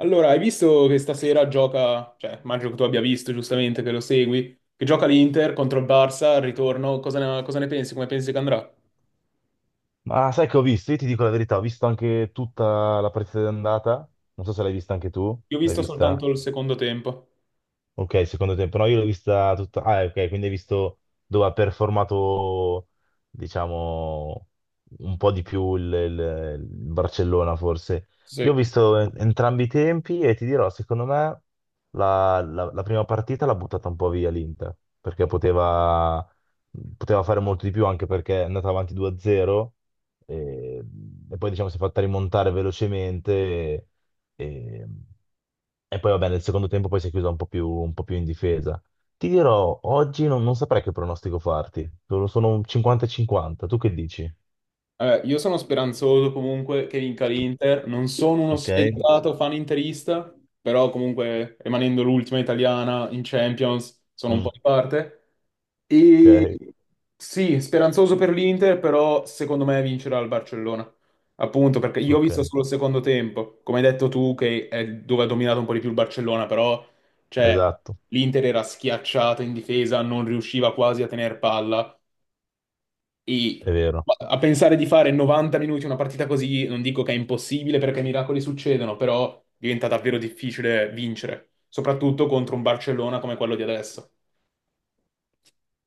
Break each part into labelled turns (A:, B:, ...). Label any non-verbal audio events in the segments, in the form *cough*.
A: Allora, hai visto che stasera gioca, cioè, immagino che tu abbia visto giustamente che lo segui, che gioca l'Inter contro il Barça al ritorno, cosa ne pensi? Come pensi che andrà?
B: Ma sai che ho visto? Io ti dico la verità, ho visto anche tutta la partita d'andata. Non so se l'hai vista anche tu.
A: Io ho
B: L'hai
A: visto
B: vista?
A: soltanto il secondo tempo.
B: Ok, secondo tempo. No, io l'ho vista tutta. Ah, ok, quindi hai visto dove ha performato, diciamo, un po' di più il Barcellona, forse. Io ho
A: Sì.
B: visto entrambi i tempi e ti dirò, secondo me, la prima partita l'ha buttata un po' via l'Inter, perché poteva fare molto di più, anche perché è andata avanti 2-0 e, e poi, diciamo, si è fatta rimontare velocemente e, e poi, vabbè, nel secondo tempo poi si è chiusa un po' più in difesa. Ti dirò, oggi non saprei che pronostico farti. Sono un 50-50. Tu che dici?
A: Io sono speranzoso comunque che vinca l'Inter, non sono uno
B: Ok?
A: sfegatato fan interista, però comunque rimanendo l'ultima italiana in Champions sono un po'
B: Mm.
A: di parte. E
B: Ok,
A: sì, speranzoso per l'Inter, però secondo me vincerà il Barcellona. Appunto, perché io ho
B: ok,
A: visto solo il secondo tempo, come hai detto tu, che è dove ha dominato un po' di più il Barcellona, però cioè,
B: esatto,
A: l'Inter era schiacciata in difesa, non riusciva quasi a tenere palla. E
B: è vero.
A: a pensare di fare 90 minuti una partita così, non dico che è impossibile perché miracoli succedono, però diventa davvero difficile vincere, soprattutto contro un Barcellona come quello di adesso.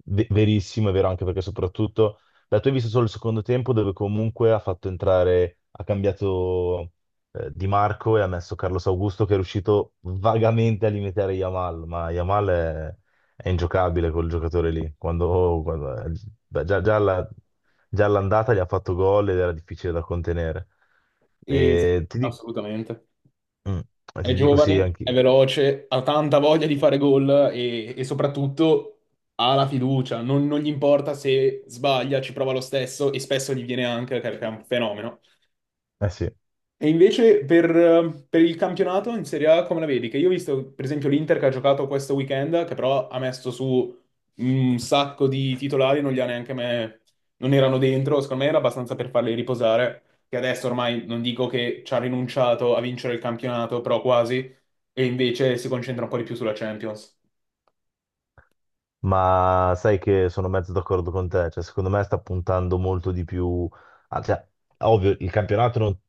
B: Verissimo, è vero anche perché soprattutto da tu hai visto solo il secondo tempo dove comunque ha fatto entrare, ha cambiato Di Marco e ha messo Carlos Augusto che è riuscito vagamente a limitare Yamal, ma Yamal è ingiocabile quel giocatore lì. Beh, già all'andata gli ha fatto gol ed era difficile da contenere.
A: E
B: E ti, di-
A: assolutamente.
B: mm,
A: È
B: Ti dico sì,
A: giovane, è
B: anche.
A: veloce, ha tanta voglia di fare gol e soprattutto ha la fiducia. Non gli importa se sbaglia, ci prova lo stesso e spesso gli viene anche perché è un fenomeno.
B: Eh sì.
A: E invece per il campionato in Serie A come la vedi? Che io ho visto per esempio l'Inter che ha giocato questo weekend, che però ha messo su un sacco di titolari, non li ha neanche me, non erano dentro, secondo me era abbastanza per farli riposare, che adesso ormai non dico che ci ha rinunciato a vincere il campionato, però quasi, e invece si concentra un po' di più sulla Champions.
B: Ma sai che sono mezzo d'accordo con te, cioè secondo me sta puntando molto di più, cioè, ovvio il campionato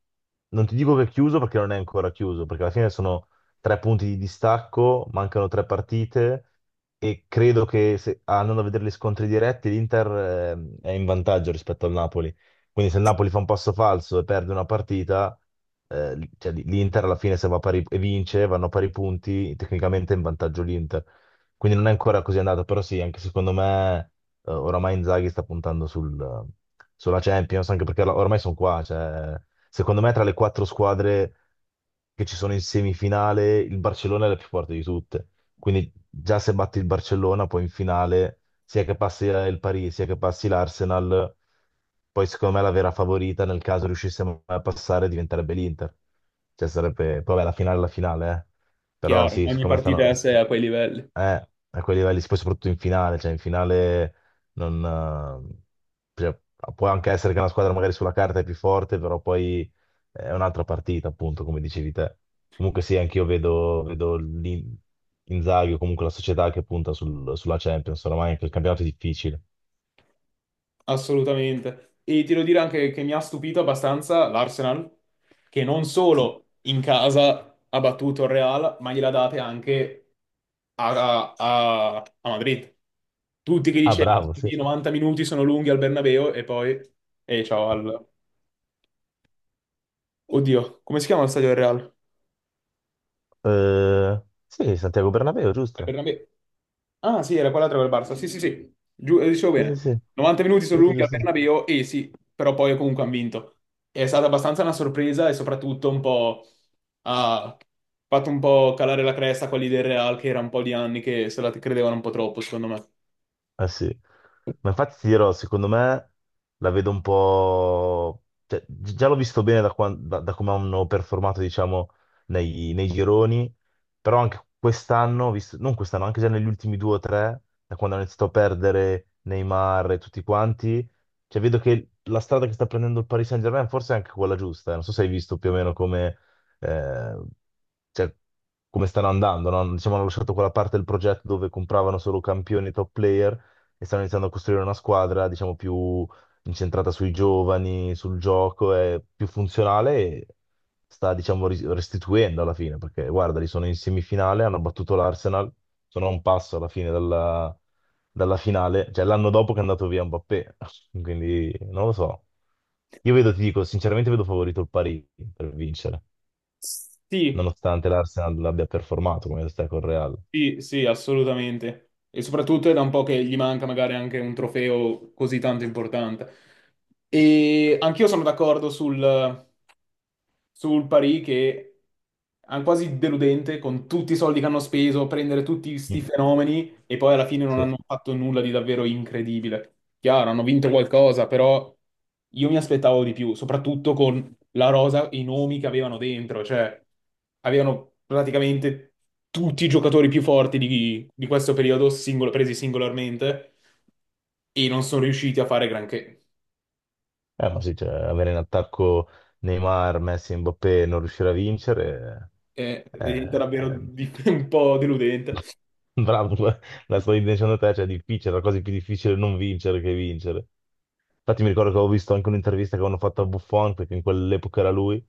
B: non ti dico che è chiuso perché non è ancora chiuso, perché alla fine sono tre punti di distacco, mancano tre partite e credo che se, andando a vedere gli scontri diretti l'Inter è in vantaggio rispetto al Napoli, quindi se il Napoli fa un passo falso e perde una partita, cioè, l'Inter alla fine se va a pari, e vince, vanno a pari punti, tecnicamente è in vantaggio l'Inter. Quindi non è ancora così andato, però sì, anche secondo me oramai Inzaghi sta puntando sulla Champions, anche perché ormai sono qua, cioè, secondo me tra le quattro squadre che ci sono in semifinale il Barcellona è la più forte di tutte, quindi già se batti il Barcellona poi in finale, sia che passi il Paris, sia che passi l'Arsenal, poi secondo me la vera favorita nel caso riuscissimo a passare diventerebbe l'Inter, cioè sarebbe, poi vabbè la finale è la finale, eh. Però
A: Chiaro,
B: sì,
A: ogni
B: siccome
A: partita è
B: stanno.
A: a sé a quei livelli.
B: Eh, a quei livelli, poi soprattutto in finale, cioè in finale non. eh, cioè, può anche essere che una squadra magari sulla carta è più forte, però poi è un'altra partita, appunto, come dicevi te. Comunque sì, anch'io vedo Inzaghi o comunque la società che punta sulla Champions, oramai anche il campionato è difficile.
A: Assolutamente. E ti devo dire anche che mi ha stupito abbastanza l'Arsenal, che non solo in casa ha battuto il Real, ma gliela date anche a Madrid. Tutti che
B: Ah,
A: dicevano:
B: bravo, sì.
A: "Sì, 90 minuti sono lunghi al Bernabeu e poi... E ciao al... Oddio, come si chiama lo stadio del Real?"
B: Sì, Santiago Bernabéu, giusto?
A: Bernabé. Ah, sì, era quell'altra col Barça. Sì, sì, sì. Giù, dicevo
B: Sì, sì,
A: bene.
B: sì,
A: 90 minuti sono
B: sì, sì,
A: lunghi al
B: giusto.
A: Bernabéu e sì, però poi comunque hanno vinto. È stata abbastanza una sorpresa e soprattutto un po' ha fatto un po' calare la cresta a quelli del Real, che era un po' di anni che se la credevano un po' troppo, secondo me.
B: Eh sì, ma infatti ti dirò, secondo me la vedo un po', cioè, già l'ho visto bene da come hanno performato, diciamo, nei gironi, però anche quest'anno, ho visto, non quest'anno, anche già negli ultimi due o tre, da quando hanno iniziato a perdere Neymar e tutti quanti, cioè vedo che la strada che sta prendendo il Paris Saint-Germain forse è anche quella giusta, eh. Non so se hai visto più o meno come, eh, cioè, come stanno andando, no? Diciamo, hanno lasciato quella parte del progetto dove compravano solo campioni top player e stanno iniziando a costruire una squadra, diciamo, più incentrata sui giovani, sul gioco, è più funzionale e sta, diciamo, restituendo alla fine, perché guarda, li sono in semifinale, hanno battuto l'Arsenal, sono a un passo alla fine dalla finale, cioè l'anno dopo che è andato via Mbappé, *laughs* quindi non lo so. Io vedo, ti dico, sinceramente vedo favorito il Parigi per vincere,
A: Sì,
B: nonostante l'Arsenal abbia performato come sta col Real.
A: sì, sì, assolutamente. E soprattutto è da un po' che gli manca magari anche un trofeo così tanto importante. E anch'io sono d'accordo sul Paris, che è quasi deludente con tutti i soldi che hanno speso, prendere tutti sti
B: Mm,
A: fenomeni e poi alla fine non
B: sì.
A: hanno fatto nulla di davvero incredibile. Chiaro, hanno vinto qualcosa, però io mi aspettavo di più, soprattutto con la rosa e i nomi che avevano dentro, cioè avevano praticamente tutti i giocatori più forti di questo periodo, singolo- presi singolarmente, e non sono riusciti a fare granché.
B: Ma sì, cioè, avere in attacco Neymar, Messi e Mbappé e non riuscire a vincere, eh,
A: È davvero
B: eh,
A: di- *laughs* un po' deludente.
B: *laughs* bravo, la sto dicendo a te, cioè è difficile, la cosa più difficile è non vincere che vincere. Infatti mi ricordo che avevo visto anche un'intervista che avevano fatto a Buffon, perché in quell'epoca era lui,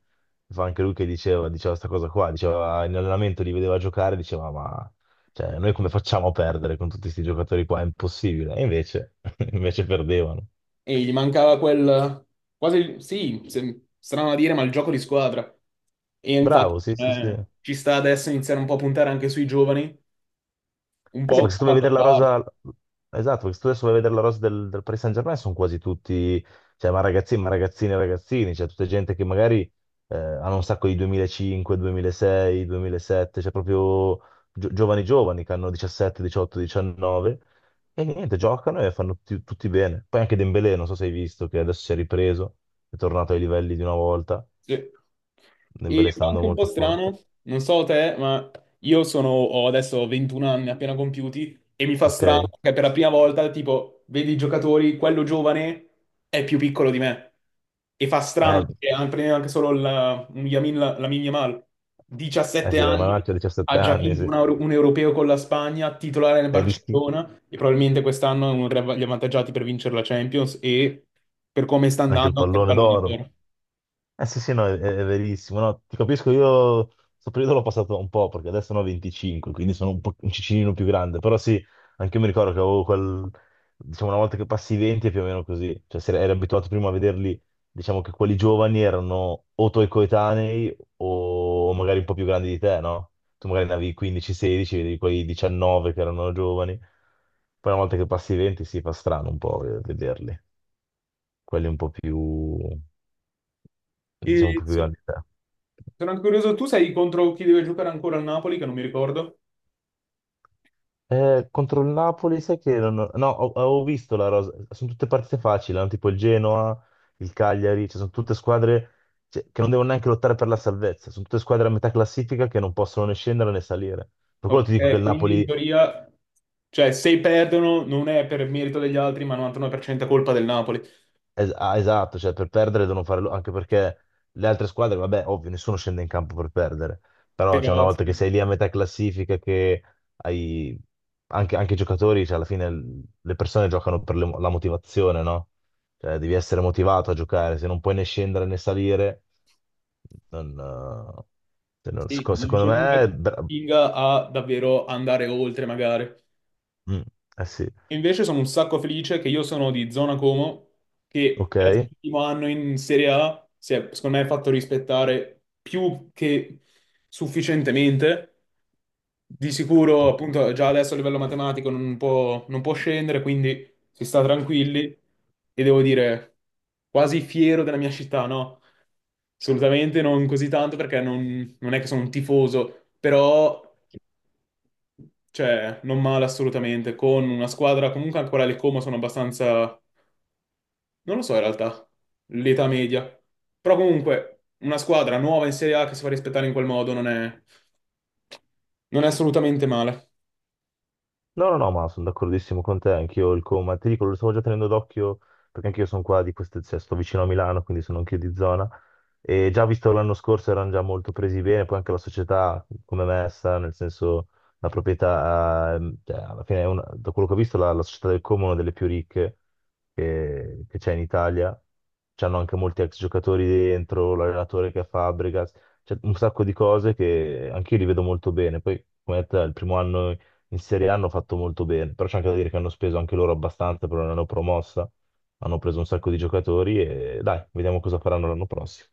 B: fa anche lui che diceva, diceva questa cosa qua, diceva in allenamento li vedeva giocare, diceva ma cioè, noi come facciamo a perdere con tutti questi giocatori qua? È impossibile. E invece, *laughs* invece perdevano.
A: E gli mancava quel... quasi... sì, se- strano da dire, ma il gioco di squadra. E infatti
B: Bravo, sì, sì, sì.
A: ci sta adesso iniziare un po' a puntare anche sui giovani, un
B: Eh sì,
A: po'
B: perché se tu
A: come
B: vai a
A: ha fatto il
B: vedere la
A: Barça.
B: rosa, esatto, perché se tu adesso vai a vedere la rosa del Paris Saint-Germain sono quasi tutti, cioè, ma ragazzini, e ragazzini, cioè, tutta gente che magari hanno un sacco di 2005, 2006, 2007, cioè proprio giovani giovani che hanno 17, 18, 19 e niente, giocano e fanno tutti, tutti bene. Poi anche Dembélé, non so se hai visto, che adesso si è ripreso, è tornato ai livelli di una volta,
A: Sì. E
B: Dembélé sta
A: fa anche
B: andando
A: un po'
B: molto forte,
A: strano, non so te, ma io sono, ho adesso 21 anni appena compiuti e mi fa
B: ok?
A: strano che per la prima volta, tipo, vedi i giocatori, quello giovane è più piccolo di me. E fa strano perché an- prendendo anche solo la, un Yamin, la, Lamine Yamal,
B: Eh
A: 17
B: sì, l'hai
A: anni,
B: mandato a 17
A: ha già
B: anni,
A: vinto
B: sì.
A: un, euro- un europeo con la Spagna, titolare nel
B: È, ris-
A: Barcellona e probabilmente quest'anno è uno degli av- gli avvantaggiati per vincere la Champions e per come sta
B: Anche il
A: andando anche il
B: pallone
A: pallone
B: d'oro.
A: d'oro.
B: Eh sì, sì, no, è verissimo. No, ti capisco, io questo periodo l'ho passato un po', perché adesso ne ho 25, quindi sono un po' un cicinino più grande. Però sì, anche io mi ricordo che avevo quel. Diciamo, una volta che passi i 20 è più o meno così. Cioè, se eri abituato prima a vederli, diciamo che quelli giovani erano o tuoi coetanei o magari un po' più grandi di te, no? Tu magari ne avevi 15-16, vedevi quei 19 che erano giovani. Poi una volta che passi i 20, sì, fa strano un po' vederli. Quelli un po' più diciamo
A: E
B: più
A: sì,
B: grande.
A: sono anche curioso, tu sai contro chi deve giocare ancora al Napoli, che non mi ricordo.
B: Contro il Napoli, sai che non ho- no, ho- avevo visto la rosa, sono tutte partite facili, hanno tipo il Genoa, il Cagliari, cioè sono tutte squadre cioè, che non devono neanche lottare per la salvezza, sono tutte squadre a metà classifica che non possono né scendere né salire. Per quello ti dico che
A: Ok,
B: il
A: quindi in
B: Napoli.
A: teoria, cioè se perdono non è per merito degli altri, ma 99% è colpa del Napoli.
B: Esatto, cioè per perdere devono anche perché le altre squadre, vabbè, ovvio, nessuno scende in campo per perdere, però cioè, una
A: Però
B: volta che
A: sì,
B: sei lì a metà classifica, che hai anche i giocatori, cioè, alla fine le persone giocano per la motivazione, no? Cioè, devi essere motivato a giocare, se non puoi né scendere né salire, non, se non-
A: sì,
B: seco-
A: non
B: secondo
A: c'è nulla
B: me,
A: che spinga a davvero andare oltre, magari.
B: mm, eh sì,
A: Invece sono un sacco felice che io sono di zona Como, che per essere
B: ok.
A: l'ultimo anno in Serie A si è, secondo me, fatto rispettare più che sufficientemente. Di sicuro, appunto, già adesso a livello matematico non può scendere, quindi si sta tranquilli e devo dire quasi fiero della mia città, no? Assolutamente non così tanto perché non è che sono un tifoso, però cioè, non male assolutamente, con una squadra comunque ancora le Como sono abbastanza, non lo so in realtà, l'età media. Però comunque una squadra nuova in Serie A che si fa rispettare in quel modo non è assolutamente male.
B: No, no, no, ma sono d'accordissimo con te, anch'io il coma, ti dico, lo stavo già tenendo d'occhio perché anch'io sono qua di queste, cioè, sto vicino a Milano, quindi sono anch'io di zona e già visto l'anno scorso erano già molto presi bene, poi anche la società come è messa, nel senso la proprietà, cioè, alla fine da quello che ho visto la società del Como è una delle più ricche che c'è in Italia, c'hanno anche molti ex giocatori dentro, l'allenatore che è Fabregas, c'è un sacco di cose che anch'io li vedo molto bene, poi come detto, è il primo anno in Serie A hanno fatto molto bene, però c'è anche da dire che hanno speso anche loro abbastanza, però non l'hanno promossa, hanno preso un sacco di giocatori e dai, vediamo cosa faranno l'anno prossimo.